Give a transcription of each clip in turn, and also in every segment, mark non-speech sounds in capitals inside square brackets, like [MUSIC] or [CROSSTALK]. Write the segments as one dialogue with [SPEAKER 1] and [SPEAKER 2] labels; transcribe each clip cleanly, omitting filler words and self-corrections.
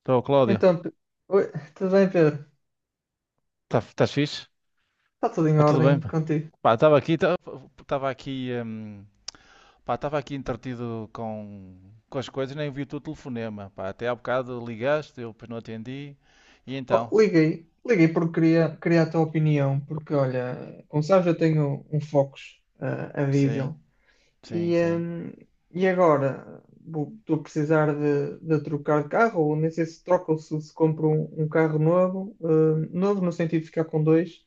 [SPEAKER 1] Estou, Cláudio.
[SPEAKER 2] Então, Pe- oi, tudo bem, Pedro?
[SPEAKER 1] Tá, estás fixe?
[SPEAKER 2] Está tudo em
[SPEAKER 1] Está tudo bem,
[SPEAKER 2] ordem
[SPEAKER 1] pá?
[SPEAKER 2] contigo?
[SPEAKER 1] Pá, estava aqui, estava aqui, hum, pá, estava aqui entretido com as coisas, nem vi o teu telefonema, pá. Até há bocado ligaste, eu depois não atendi. E
[SPEAKER 2] Oh,
[SPEAKER 1] então?
[SPEAKER 2] liguei, porque queria a tua opinião, porque olha, como sabes, eu tenho um Focus, a
[SPEAKER 1] Sim,
[SPEAKER 2] diesel.
[SPEAKER 1] sim,
[SPEAKER 2] E,
[SPEAKER 1] sim,
[SPEAKER 2] hum, e agora estou a precisar de trocar de carro, ou nem sei se troco ou se compro um carro novo, novo no sentido de ficar com dois.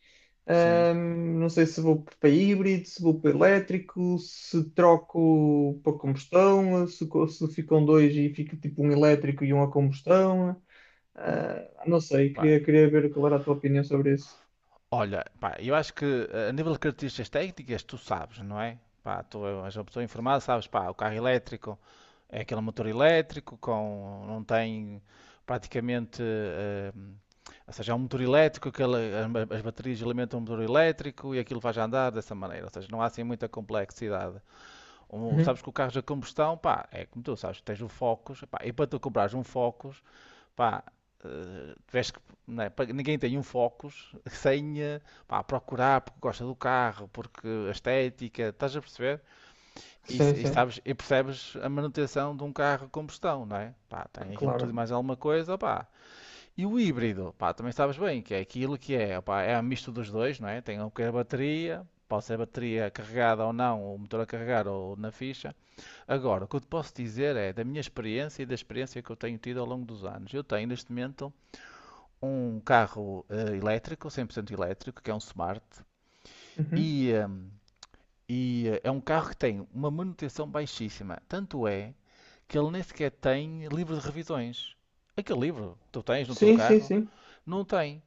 [SPEAKER 1] sim.
[SPEAKER 2] Não sei se vou para híbrido, se vou para elétrico, se troco para combustão, se fico com dois e fica tipo um elétrico e um a combustão. Ah, não sei,
[SPEAKER 1] Pá,
[SPEAKER 2] queria ver qual era a tua opinião sobre isso.
[SPEAKER 1] olha, pá, eu acho que a nível de características técnicas, tu sabes, não é? Pá, tu és uma pessoa informada, sabes, pá, o carro elétrico é aquele motor elétrico com não tem praticamente, ou seja, é um motor elétrico, aquele, as baterias alimentam um motor elétrico e aquilo faz andar dessa maneira, ou seja, não há assim muita complexidade.
[SPEAKER 2] Uhum.
[SPEAKER 1] Sabes que o carro de combustão, pá, é como tu sabes, tens o Focus, pá, e para tu comprares um Focus. Pá, tiveste que, não é? Ninguém tem um Focus [LAUGHS] sem pá, procurar porque gosta do carro, porque a estética, estás a perceber? E,
[SPEAKER 2] Sim,
[SPEAKER 1] e
[SPEAKER 2] sim.
[SPEAKER 1] sabes, e percebes a manutenção de um carro a combustão, não é? Pá,
[SPEAKER 2] É
[SPEAKER 1] tem aquilo tudo e
[SPEAKER 2] claro.
[SPEAKER 1] mais alguma coisa, pá. E o híbrido, pá, também sabes bem que é aquilo que é, pá, é a misto dos dois, não é? Tem um que é a bateria, pode ser a bateria carregada ou não, o motor a carregar ou na ficha. Agora, o que eu te posso dizer é da minha experiência e da experiência que eu tenho tido ao longo dos anos. Eu tenho neste momento um carro elétrico, 100% elétrico, que é um Smart,
[SPEAKER 2] Uhum.
[SPEAKER 1] e, eh, e é um carro que tem uma manutenção baixíssima. Tanto é que ele nem sequer tem livro de revisões. Aquele livro que tu tens no teu
[SPEAKER 2] Sim, sim,
[SPEAKER 1] carro,
[SPEAKER 2] sim.
[SPEAKER 1] não tem.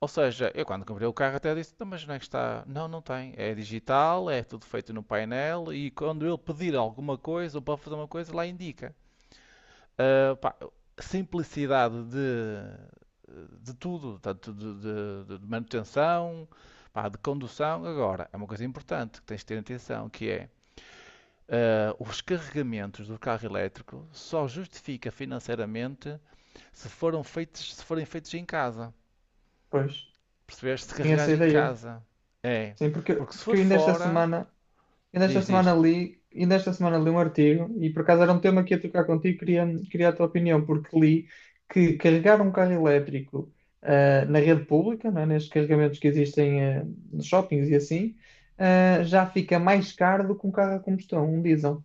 [SPEAKER 1] Ou seja, eu quando comprei o carro até disse, "Então, mas não é que está? Não, não tem. É digital, é tudo feito no painel e quando ele pedir alguma coisa ou para fazer uma coisa, lá indica." Ah, pá, simplicidade de tudo, tanto de manutenção, pá, de condução. Agora, é uma coisa importante que tens de ter atenção, que é os carregamentos do carro elétrico só justifica financeiramente se forem feitos em casa.
[SPEAKER 2] Pois,
[SPEAKER 1] Percebeste? Se
[SPEAKER 2] tinha essa
[SPEAKER 1] carregares em
[SPEAKER 2] ideia.
[SPEAKER 1] casa. É.
[SPEAKER 2] Sim,
[SPEAKER 1] Porque se
[SPEAKER 2] porque
[SPEAKER 1] for
[SPEAKER 2] eu
[SPEAKER 1] fora,
[SPEAKER 2] ainda esta
[SPEAKER 1] diz,
[SPEAKER 2] semana
[SPEAKER 1] diz,
[SPEAKER 2] li, ainda esta semana li um artigo e por acaso era um tema que ia tocar contigo, queria a tua opinião, porque li que carregar um carro elétrico na rede pública, não é? Nestes carregamentos que existem nos shoppings e assim, já fica mais caro do que um carro a combustão, um diesel.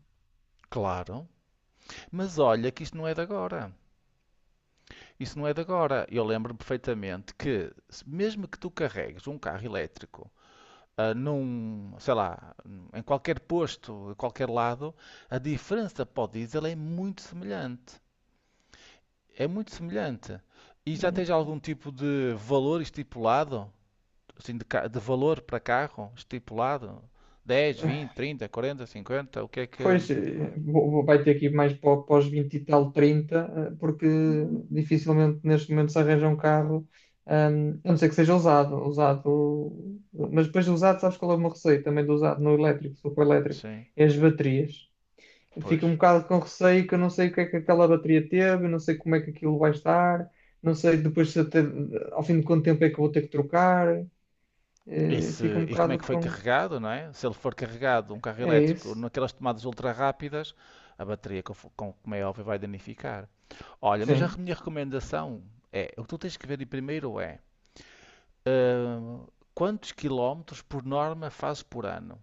[SPEAKER 1] claro, mas olha que isto não é de agora. Isso não é de agora. Eu lembro-me perfeitamente que, mesmo que tu carregues um carro elétrico, sei lá, em qualquer posto, em qualquer lado, a diferença para o diesel é muito semelhante. É muito semelhante. E já tens algum tipo de valor estipulado? Assim, de valor para carro estipulado? 10, 20, 30, 40, 50. O que é que.
[SPEAKER 2] Pois, vai ter que ir mais para, para os 20 e tal, 30 porque dificilmente neste momento se arranja um carro, a não ser que seja usado, usado, mas depois de usado, sabes qual é o meu receio também do usado no elétrico, se for elétrico,
[SPEAKER 1] Sim,
[SPEAKER 2] é as baterias. Fico um
[SPEAKER 1] pois.
[SPEAKER 2] bocado com receio que eu não sei o que é que aquela bateria teve, não sei como é que aquilo vai estar, não sei depois se até, ao fim de quanto tempo é que eu vou ter que trocar,
[SPEAKER 1] E,
[SPEAKER 2] fico um
[SPEAKER 1] e como é que
[SPEAKER 2] bocado
[SPEAKER 1] foi
[SPEAKER 2] com...
[SPEAKER 1] carregado, não é? Se ele for carregado, um carro
[SPEAKER 2] É
[SPEAKER 1] elétrico,
[SPEAKER 2] isso?
[SPEAKER 1] naquelas tomadas ultra rápidas, a bateria, como é óbvio, vai danificar. Olha, mas a
[SPEAKER 2] Sim,
[SPEAKER 1] minha recomendação é, o que tu tens que ver aí primeiro é hum, quantos quilómetros por norma fazes por ano?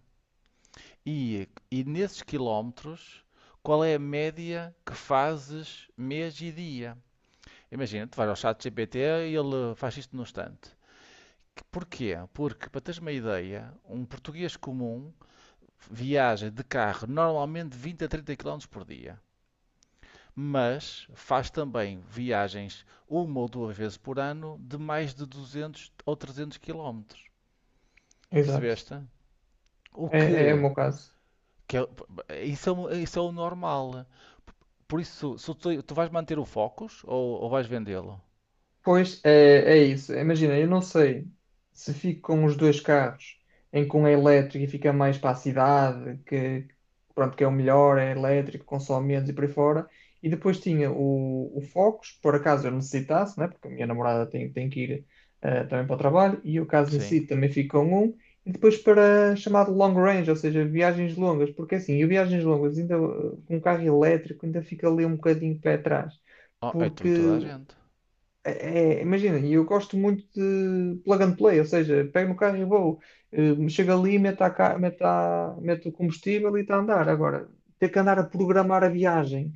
[SPEAKER 1] E nesses quilómetros, qual é a média que fazes mês e dia? Imagina, tu vais ao chat GPT e ele faz isto no instante. Porquê? Porque, para teres uma ideia, um português comum viaja de carro normalmente 20 a 30 km por dia, mas faz também viagens uma ou duas vezes por ano de mais de 200 ou 300 km.
[SPEAKER 2] exato.
[SPEAKER 1] Percebeste? O
[SPEAKER 2] É o
[SPEAKER 1] que,
[SPEAKER 2] meu caso.
[SPEAKER 1] que é, isso, é, o- Isso é o normal. Por isso, se tu vais manter o Focus ou vais vendê-lo?
[SPEAKER 2] Pois é, é isso. Imagina, eu não sei se fico com os dois carros, em que um é elétrico e fica mais para a cidade, que pronto, que é o melhor, é elétrico, consome menos e por aí fora. E depois tinha o Focus, por acaso eu necessitasse, né? Porque a minha namorada tem, tem que ir também para o trabalho, e eu caso
[SPEAKER 1] Sim.
[SPEAKER 2] necessite também fico com um. E depois para chamado long range, ou seja, viagens longas, porque assim, e viagens longas, ainda com um carro elétrico ainda fica ali um bocadinho pé atrás
[SPEAKER 1] Oh, é tu
[SPEAKER 2] porque
[SPEAKER 1] e toda a gente.
[SPEAKER 2] imagina, e eu gosto muito de plug and play, ou seja, pego no carro e vou, chego ali, meto, a, ca- meto, a- meto o combustível e está a andar. Agora, ter que andar a programar a viagem,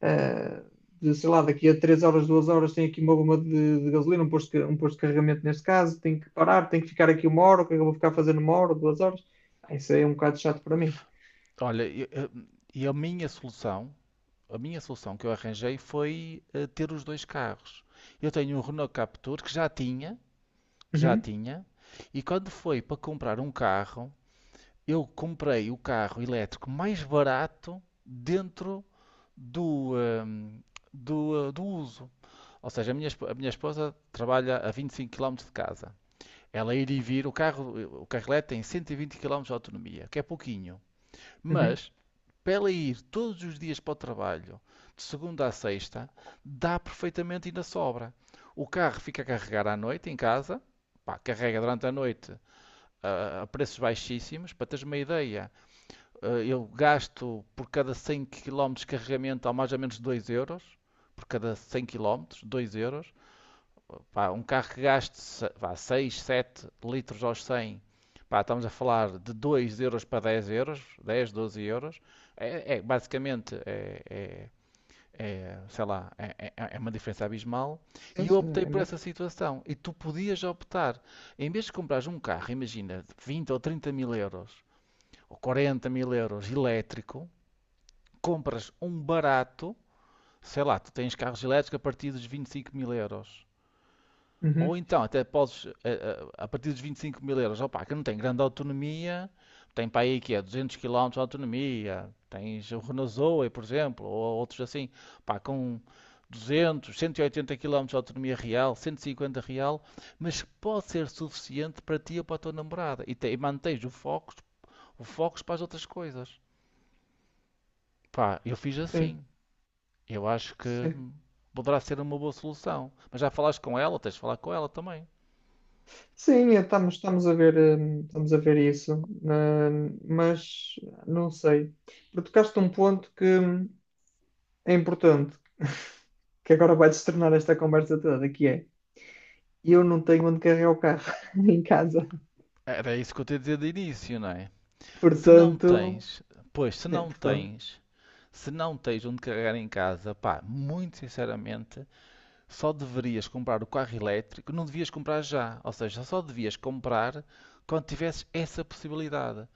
[SPEAKER 2] eh, de, sei lá, daqui a 3 horas, 2 horas, tenho aqui uma bomba de gasolina, um posto, um posto de carregamento neste caso, tenho que parar, tenho que ficar aqui uma hora, o que é que eu vou ficar fazendo uma hora, duas horas? Ah, isso aí é um bocado chato para mim.
[SPEAKER 1] Olha, e a minha solução, a minha solução que eu arranjei foi ter os dois carros. Eu tenho um Renault Captur que já tinha, que já
[SPEAKER 2] Uhum,
[SPEAKER 1] tinha, e quando foi para comprar um carro, eu comprei o carro elétrico mais barato dentro do, hum, do uso. Ou seja, a minha esposa trabalha a 25 km de casa. Ela ir e vir, o carro elétrico tem 120 km de autonomia, que é pouquinho.
[SPEAKER 2] uhum.
[SPEAKER 1] Mas, para ela ir todos os dias para o trabalho, de segunda a sexta, dá perfeitamente e ainda sobra. O carro fica a carregar à noite em casa, pá, carrega durante a noite a preços baixíssimos. Para teres uma ideia, eu gasto por cada 100 km de carregamento a mais ou menos €2. Por cada 100 quilómetros €2. Pá, um carro que gaste 6 7 litros aos 100. Pá, estamos a falar de €2 para €10, 10 12 euros. É basicamente sei lá, é uma diferença abismal.
[SPEAKER 2] Sim,
[SPEAKER 1] E eu
[SPEAKER 2] sim,
[SPEAKER 1] optei
[SPEAKER 2] é
[SPEAKER 1] por essa
[SPEAKER 2] muito.
[SPEAKER 1] situação. E tu podias optar, em vez de comprares um carro, imagina, de 20 ou 30 mil euros, ou 40 mil euros elétrico, compras um barato, sei lá, tu tens carros elétricos a partir dos 25 mil euros. Ou
[SPEAKER 2] Uhum,
[SPEAKER 1] então, até podes, a partir dos 25 mil euros, opa, que não tem grande autonomia, tem para aí que é 200 quilómetros de autonomia, tens o Renault Zoe, por exemplo, ou outros assim, pá, com 200, 180 quilómetros de autonomia real, 150 real, mas pode ser suficiente para ti ou para a tua namorada, e mantens o foco para as outras coisas. Pá, eu fiz
[SPEAKER 2] sim,
[SPEAKER 1] assim, eu acho que
[SPEAKER 2] sim.
[SPEAKER 1] poderá ser uma boa solução, mas já falaste com ela, tens de falar com ela também.
[SPEAKER 2] Sim, estamos a ver isso, mas não sei. Porque tocaste um ponto que é importante, [LAUGHS] que agora vai destornar esta conversa toda, que é eu não tenho onde carregar o carro [LAUGHS] em casa.
[SPEAKER 1] Era isso que eu te ia dizer de início, não é? Se não
[SPEAKER 2] Portanto,
[SPEAKER 1] tens, Pois,
[SPEAKER 2] é, portanto,
[SPEAKER 1] se não tens onde carregar em casa, pá, muito sinceramente, só deverias comprar o carro elétrico, não devias comprar já. Ou seja, só devias comprar quando tivesses essa possibilidade.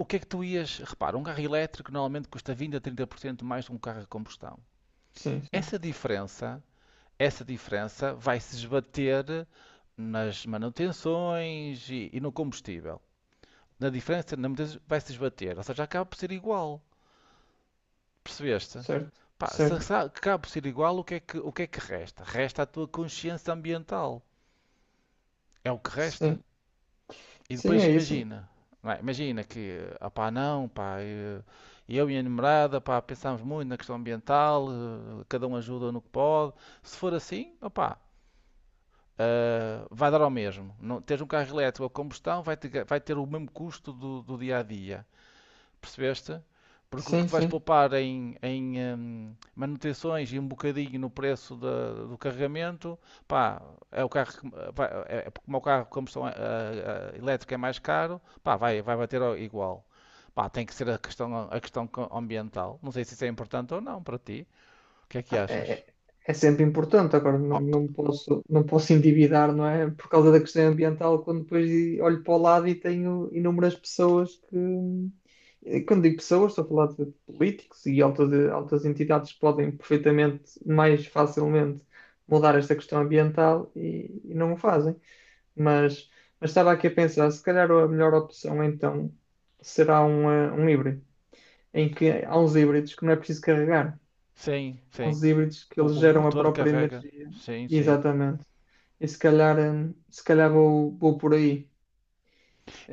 [SPEAKER 1] O que é que tu ias. Repara, um carro elétrico normalmente custa 20 a 30% mais que um carro a combustão.
[SPEAKER 2] sim, sim,
[SPEAKER 1] Essa diferença, essa diferença vai se esbater nas manutenções e no combustível. Na diferença, na mudança, vai-se esbater. Ou seja, acaba por ser igual. Percebeste?
[SPEAKER 2] certo,
[SPEAKER 1] Pá, se
[SPEAKER 2] certo,
[SPEAKER 1] acaba por ser igual, o que é que, o que é que resta? Resta a tua consciência ambiental. É o que resta.
[SPEAKER 2] sim,
[SPEAKER 1] E
[SPEAKER 2] sim,
[SPEAKER 1] depois
[SPEAKER 2] é isso,
[SPEAKER 1] imagina. Não é? Imagina que, pá, não, pá, eu e a namorada, pá, pensamos muito na questão ambiental, cada um ajuda no que pode. Se for assim, opá, vai dar ao mesmo. Não, teres um carro elétrico a combustão vai ter o mesmo custo do dia a dia. Percebeste? Porque o que
[SPEAKER 2] sim,
[SPEAKER 1] tu vais
[SPEAKER 2] sim.
[SPEAKER 1] poupar em manutenções e um bocadinho no preço do carregamento, pá, é o carro, como o carro de combustão elétrica é mais caro, pá, vai bater igual. Pá, tem que ser a questão, ambiental. Não sei se isso é importante ou não para ti. O que é que
[SPEAKER 2] Ah,
[SPEAKER 1] achas?
[SPEAKER 2] é, é sempre importante. Agora, não,
[SPEAKER 1] Oh,
[SPEAKER 2] não posso, não posso endividar, não é? Por causa da questão ambiental, quando depois olho para o lado e tenho inúmeras pessoas que. E quando digo pessoas, estou a falar de políticos e altas, altas entidades que podem perfeitamente, mais facilmente, mudar esta questão ambiental e não o fazem. Mas, mas estava aqui a pensar, se calhar a melhor opção então será um híbrido, em que há uns híbridos que não é preciso carregar
[SPEAKER 1] sim, sim.
[SPEAKER 2] aos híbridos que eles
[SPEAKER 1] O
[SPEAKER 2] geram a
[SPEAKER 1] motor
[SPEAKER 2] própria
[SPEAKER 1] carrega.
[SPEAKER 2] energia.
[SPEAKER 1] Sim, sim.
[SPEAKER 2] Exatamente. E se calhar, se calhar vou por aí.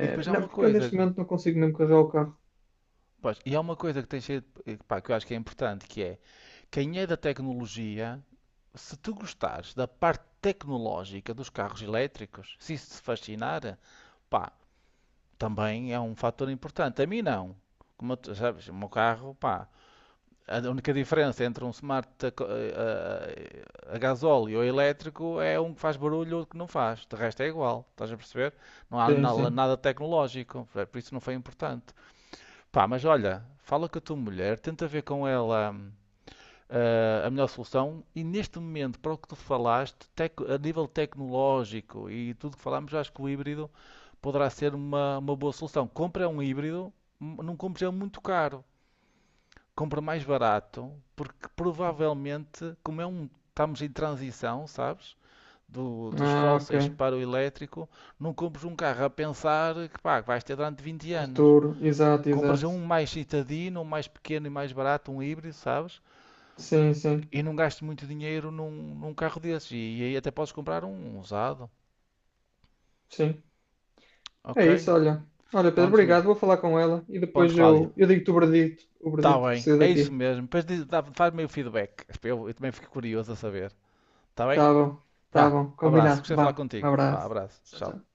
[SPEAKER 1] E depois há
[SPEAKER 2] não,
[SPEAKER 1] uma
[SPEAKER 2] porque eu neste
[SPEAKER 1] coisa,
[SPEAKER 2] momento não consigo mesmo carregar o carro.
[SPEAKER 1] pois, e há uma coisa que tem sido, pá, que eu acho que é importante, que é quem é da tecnologia, se tu gostares da parte tecnológica dos carros elétricos, se isso te fascinar, pá, também é um fator importante. A mim não. Como tu sabes, o meu carro, pá, a única diferença entre um smart a, co- a gasóleo ou elétrico é um que faz barulho e outro que não faz. De resto é igual, estás a perceber? Não há
[SPEAKER 2] Sim, sim.
[SPEAKER 1] nada tecnológico, por isso não foi importante. Pá, mas olha, fala com a tua mulher, tenta ver com ela, a melhor solução. E neste momento, para o que tu falaste, a nível tecnológico e tudo que falámos, eu acho que o híbrido poderá ser uma boa solução. Compra um híbrido, não compres ele muito caro. Compra mais barato, porque provavelmente, estamos em transição, sabes? Dos
[SPEAKER 2] Ah, ok.
[SPEAKER 1] fósseis para o elétrico, não compres um carro a pensar que pá, que vais ter durante 20 anos.
[SPEAKER 2] Futuro. Exato,
[SPEAKER 1] Compras
[SPEAKER 2] exato.
[SPEAKER 1] um mais citadino, um mais pequeno e mais barato, um híbrido, sabes?
[SPEAKER 2] Sim, sim,
[SPEAKER 1] E não gasto muito dinheiro num carro desses. E aí até podes comprar um usado.
[SPEAKER 2] sim.
[SPEAKER 1] Ok?
[SPEAKER 2] É isso, olha. Olha, Pedro,
[SPEAKER 1] Ponto,
[SPEAKER 2] obrigado. Vou falar com ela e
[SPEAKER 1] ponto
[SPEAKER 2] depois
[SPEAKER 1] Cláudio.
[SPEAKER 2] eu digo-te o
[SPEAKER 1] Está
[SPEAKER 2] verdito que
[SPEAKER 1] bem.
[SPEAKER 2] saiu
[SPEAKER 1] É isso
[SPEAKER 2] daqui.
[SPEAKER 1] mesmo. Depois faz-me o feedback. Eu também fico curioso a saber. Está bem?
[SPEAKER 2] Tá bom, tá
[SPEAKER 1] Vá.
[SPEAKER 2] bom.
[SPEAKER 1] Abraço.
[SPEAKER 2] Combinado.
[SPEAKER 1] Gostei de falar
[SPEAKER 2] Vá, um
[SPEAKER 1] contigo. Vá.
[SPEAKER 2] abraço.
[SPEAKER 1] Abraço.
[SPEAKER 2] Tchau,
[SPEAKER 1] Tchau.
[SPEAKER 2] tchau.